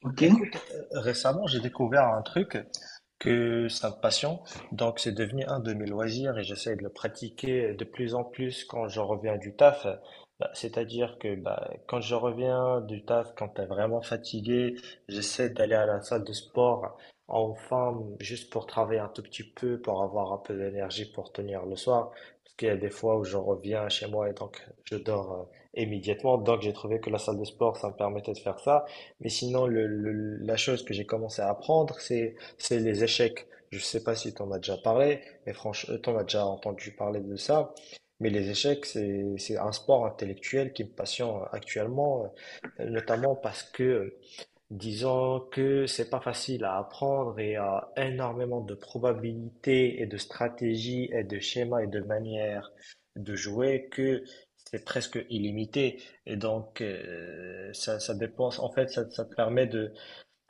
Ok. Écoute, récemment, j'ai découvert un truc que ça me passionne. Donc, c'est devenu un de mes loisirs et j'essaie de le pratiquer de plus en plus quand je reviens du taf. Bah, c'est-à-dire que bah, quand je reviens du taf, quand t'es vraiment fatigué, j'essaie d'aller à la salle de sport enfin, juste pour travailler un tout petit peu, pour avoir un peu d'énergie pour tenir le soir. Parce qu'il y a des fois où je reviens chez moi et donc je dors immédiatement. Donc, j'ai trouvé que la salle de sport, ça me permettait de faire ça. Mais sinon, la chose que j'ai commencé à apprendre, c'est les échecs. Je ne sais pas si tu en as déjà parlé, mais franchement, tu en as déjà entendu parler de ça. Mais les échecs, c'est un sport intellectuel qui me passionne actuellement, notamment parce que disons que c'est pas facile à apprendre et à énormément de probabilités et de stratégies et de schémas et de manières de jouer que c'est presque illimité. Et donc, ça dépense, en fait, ça te permet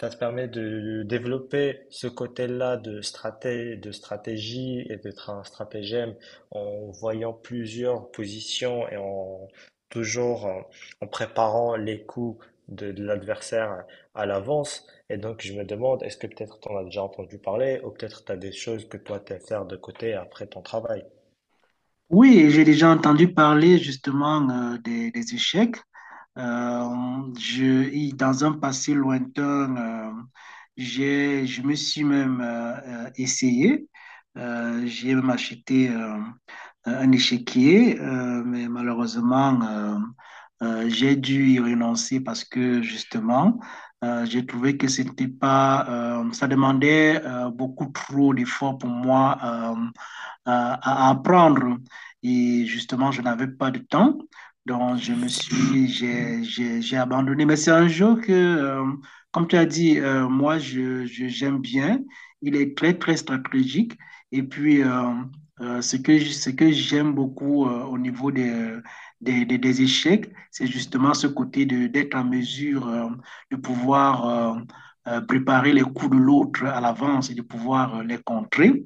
ça te permet de développer ce côté-là de de stratégie et de stratagème en voyant plusieurs positions et toujours en, en préparant les coups de l'adversaire à l'avance. Et donc, je me demande, est-ce que peut-être tu en as déjà entendu parler ou peut-être tu as des choses que toi, tu faire de côté après ton travail. Oui, j'ai déjà entendu parler justement des échecs. Dans un passé lointain, je me suis même essayé. J'ai même acheté un échiquier, mais malheureusement, j'ai dû y renoncer parce que justement, j'ai trouvé que c'était pas, ça demandait beaucoup trop d'efforts pour moi à apprendre. Et justement, je n'avais pas de temps. Donc, je me suis, j'ai abandonné. Mais c'est un jeu que, comme tu as dit, moi, j'aime bien. Il est très, très stratégique. Et puis, ce que j'aime beaucoup au niveau des échecs, c'est justement ce côté d'être en mesure de pouvoir euh, préparer les coups de l'autre à l'avance et de pouvoir les contrer.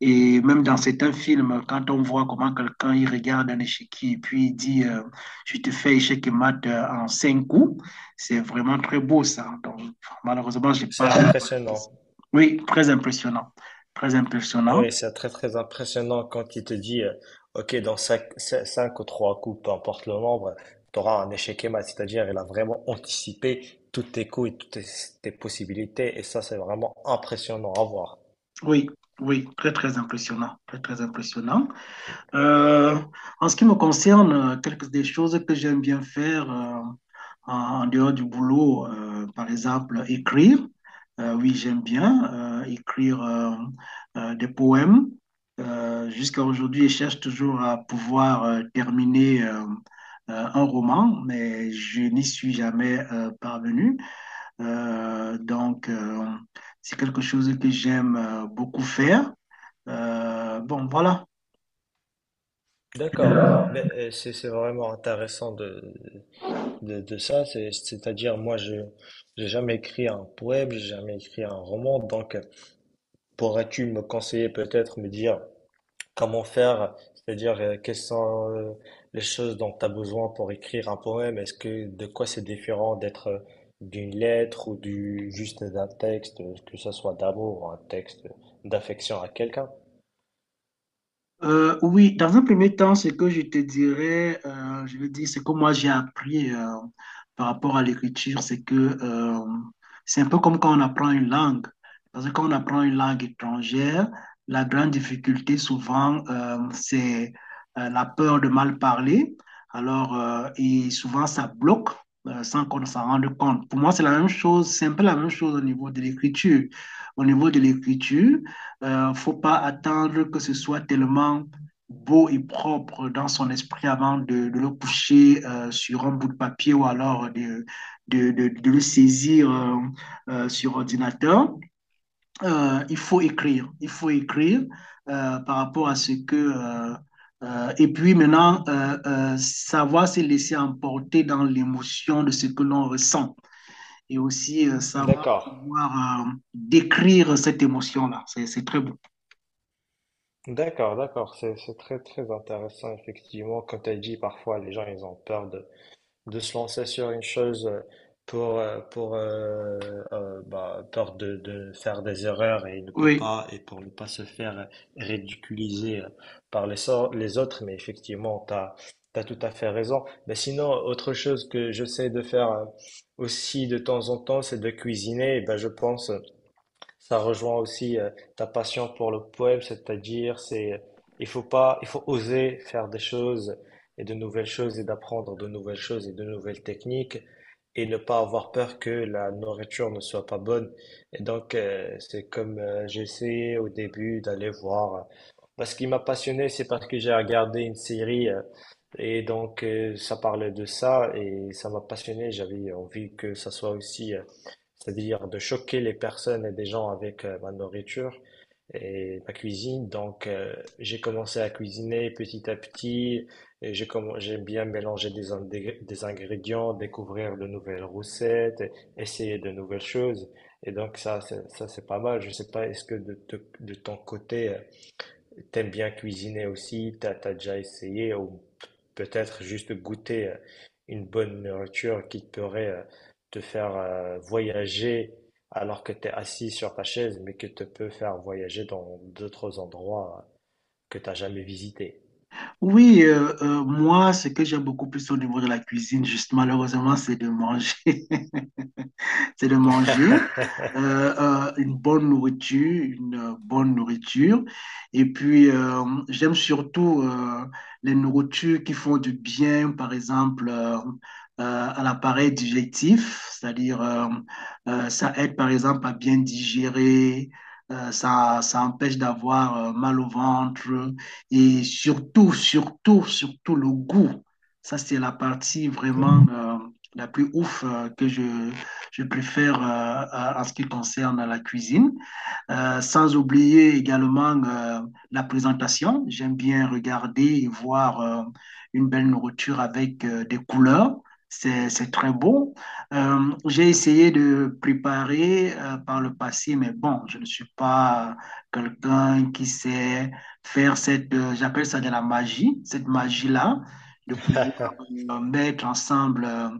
Et même dans certains films, quand on voit comment quelqu'un il regarde un échiquier et puis il dit je te fais échec et mat en cinq coups, c'est vraiment très beau ça. Donc, malheureusement, j'ai pas. C'est impressionnant. Oui, très impressionnant. Très impressionnant. Oui, c'est très très impressionnant quand il te dit, ok, dans cinq ou 3 coups, peu importe le nombre, tu auras un échec et mat, c'est-à-dire il a vraiment anticipé tous tes coups et tes possibilités, et ça c'est vraiment impressionnant à voir. Oui, oui, très, très impressionnant. Très, très impressionnant. Euh, En ce qui me concerne, quelques des choses que j'aime bien faire en dehors du boulot, par exemple, écrire. Oui, j'aime bien écrire des poèmes. Jusqu'à aujourd'hui, je cherche toujours à pouvoir terminer un roman, mais je n'y suis jamais parvenu. Euh, donc, euh, c'est quelque chose que j'aime beaucoup faire. Bon, voilà. D'accord, mais c'est vraiment intéressant de ça, c'est-à-dire moi je j'ai jamais écrit un poème, j'ai jamais écrit un roman, donc pourrais-tu me conseiller peut-être, me dire comment faire, c'est-à-dire quelles sont les choses dont tu as besoin pour écrire un poème? Est-ce que de quoi c'est différent d'être d'une lettre ou du juste d'un texte, que ce soit d'amour ou un texte d'affection à quelqu'un? Oui, dans un premier temps, ce que je te dirais, je veux dire, ce que moi j'ai appris par rapport à l'écriture, c'est que euh, c'est un peu comme quand on apprend une langue. Parce que quand on apprend une langue étrangère, la grande difficulté souvent, c'est la peur de mal parler. Alors, et souvent, ça bloque sans qu'on s'en rende compte. Pour moi, c'est la même chose, c'est un peu la même chose au niveau de l'écriture. Au niveau de l'écriture, faut pas attendre que ce soit tellement beau et propre dans son esprit avant de le coucher sur un bout de papier ou alors de le saisir sur ordinateur. Il faut écrire, il faut écrire par rapport à ce que... et puis maintenant, savoir se laisser emporter dans l'émotion de ce que l'on ressent et aussi savoir D'accord, pouvoir décrire cette émotion-là. C'est très beau. d'accord, d'accord. C'est très, très intéressant, effectivement. Comme tu as dit, parfois, les gens, ils ont peur de se lancer sur une chose pour bah, peur de faire des erreurs et ne peut Oui. pas, et pour ne pas se faire ridiculiser par les autres, mais effectivement, tout à fait raison. Mais sinon, autre chose que j'essaie de faire aussi de temps en temps, c'est de cuisiner. Et ben, je pense ça rejoint aussi ta passion pour le poème, c'est-à-dire c'est il faut pas il faut oser faire des choses et de nouvelles choses et d'apprendre de nouvelles choses et de nouvelles techniques et ne pas avoir peur que la nourriture ne soit pas bonne. Et donc c'est comme j'ai essayé au début d'aller voir parce qu'il m'a passionné, c'est parce que j'ai regardé une série et donc ça parlait de ça et ça m'a passionné, j'avais envie que ça soit aussi c'est-à-dire de choquer les personnes et des gens avec ma nourriture et ma cuisine. Donc, j'ai commencé à cuisiner petit à petit. Et j'aime bien mélangé des ingrédients, découvrir de nouvelles recettes, essayer de nouvelles choses. Et donc, ça, c'est pas mal. Je sais pas, est-ce que de ton côté, t'aimes bien cuisiner aussi, t'as déjà essayé ou peut-être juste goûter une bonne nourriture qui pourrait te faire voyager alors que t'es assis sur ta chaise, mais que te peut faire voyager dans d'autres endroits que t'as jamais visités. Oui, moi, ce que j'aime beaucoup plus au niveau de la cuisine, juste malheureusement, c'est de manger. C'est de manger une bonne nourriture, une bonne nourriture. Et puis, j'aime surtout les nourritures qui font du bien, par exemple, à l'appareil digestif, c'est-à-dire ça aide, par exemple, à bien digérer. Ça, ça empêche d'avoir mal au ventre et surtout, surtout, surtout le goût. Ça, c'est la partie Bon. vraiment la plus ouf je préfère en ce qui concerne la cuisine. Sans oublier également la présentation. J'aime bien regarder et voir une belle nourriture avec des couleurs. C'est très beau. J'ai essayé de préparer par le passé, mais bon, je ne suis pas quelqu'un qui sait faire cette, j'appelle ça de la magie, cette magie-là, de pouvoir mettre ensemble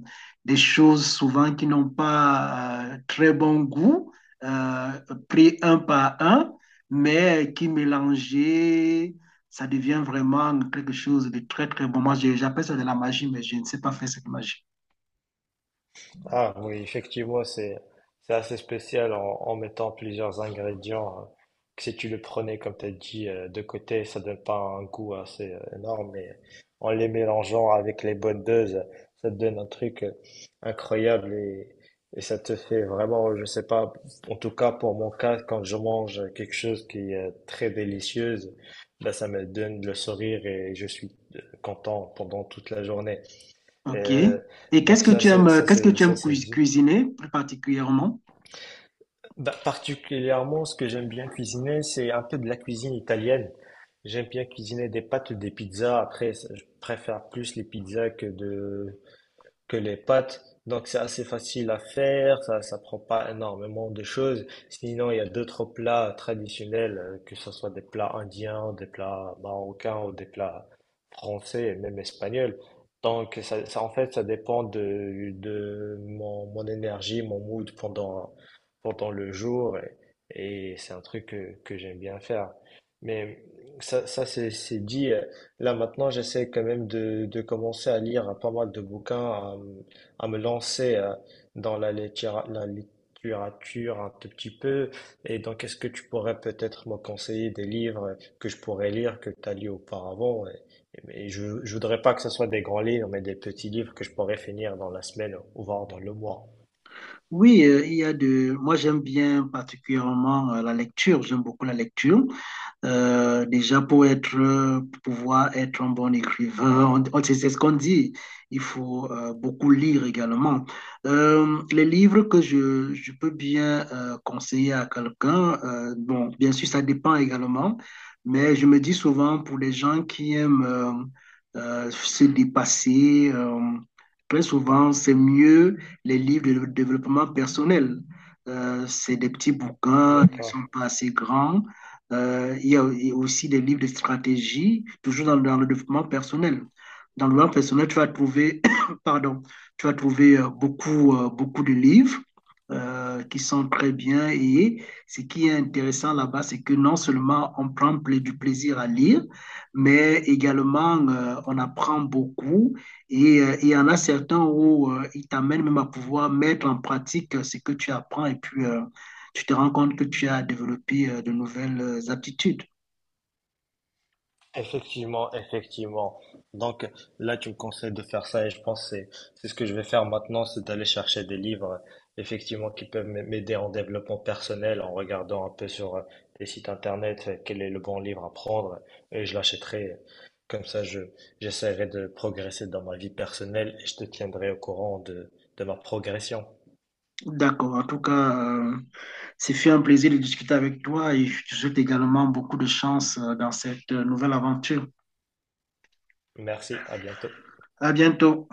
des choses souvent qui n'ont pas très bon goût euh, pris un par un, mais qui mélangeait, ça devient vraiment quelque chose de très, très bon. Moi, j'appelle ça de la magie, mais je ne sais pas faire cette magie. Ah oui, effectivement, c'est assez spécial en mettant plusieurs ingrédients. Que si tu le prenais, comme tu as dit, de côté, ça donne pas un goût assez énorme, mais en les mélangeant avec les bonnes doses, ça te donne un truc incroyable et ça te fait vraiment, je sais pas, en tout cas pour mon cas, quand je mange quelque chose qui est très délicieuse, bah, ça me donne le sourire et je suis content pendant toute la journée. OK. Euh, Et qu'est-ce donc que ça, tu aimes, c'est dit. cuisiner plus particulièrement? Bah, particulièrement, ce que j'aime bien cuisiner, c'est un peu de la cuisine italienne. J'aime bien cuisiner des pâtes, des pizzas. Après, je préfère plus les pizzas que de que les pâtes. Donc c'est assez facile à faire, ça prend pas énormément de choses. Sinon, il y a d'autres plats traditionnels, que ce soit des plats indiens, des plats marocains ou des plats français et même espagnols. Donc ça en fait ça dépend de mon, mon énergie, mon mood pendant le jour et c'est un truc que j'aime bien faire. Mais ça c'est dit là maintenant, j'essaie quand même de commencer à lire pas mal de bouquins, à me lancer dans la littérature un tout petit peu. Et donc, est-ce que tu pourrais peut-être me conseiller des livres que je pourrais lire, que tu as lu auparavant? Et je voudrais pas que ce soit des grands livres, mais des petits livres que je pourrais finir dans la semaine ou voire dans le mois. Oui, il y a de. Moi, j'aime bien particulièrement la lecture. J'aime beaucoup la lecture. Déjà pour pouvoir être un bon écrivain, c'est ce qu'on dit. Il faut beaucoup lire également. Les livres que je peux bien conseiller à quelqu'un, bon, bien sûr, ça dépend également, mais je me dis souvent pour les gens qui aiment se dépasser, très souvent, c'est mieux les livres de développement personnel. C'est des petits bouquins, ils ne D'accord. sont pas assez grands. Y a aussi des livres de stratégie, toujours dans le développement personnel. Dans le développement personnel, tu vas trouver, pardon, tu vas trouver beaucoup de livres qui sont très bien. Et ce qui est intéressant là-bas, c'est que non seulement on prend du plaisir à lire, mais également on apprend beaucoup et il y en a certains où ils t'amènent même à pouvoir mettre en pratique ce que tu apprends et puis tu te rends compte que tu as développé de nouvelles aptitudes. Effectivement, effectivement. Donc là, tu me conseilles de faire ça et je pense que c'est ce que je vais faire maintenant, c'est d'aller chercher des livres effectivement qui peuvent m'aider en développement personnel en regardant un peu sur des sites internet quel est le bon livre à prendre et je l'achèterai. Comme ça, je j'essaierai de progresser dans ma vie personnelle et je te tiendrai au courant de ma progression. D'accord. En tout cas, c'est fait un plaisir de discuter avec toi et je te souhaite également beaucoup de chance dans cette nouvelle aventure. Merci, à bientôt. À bientôt.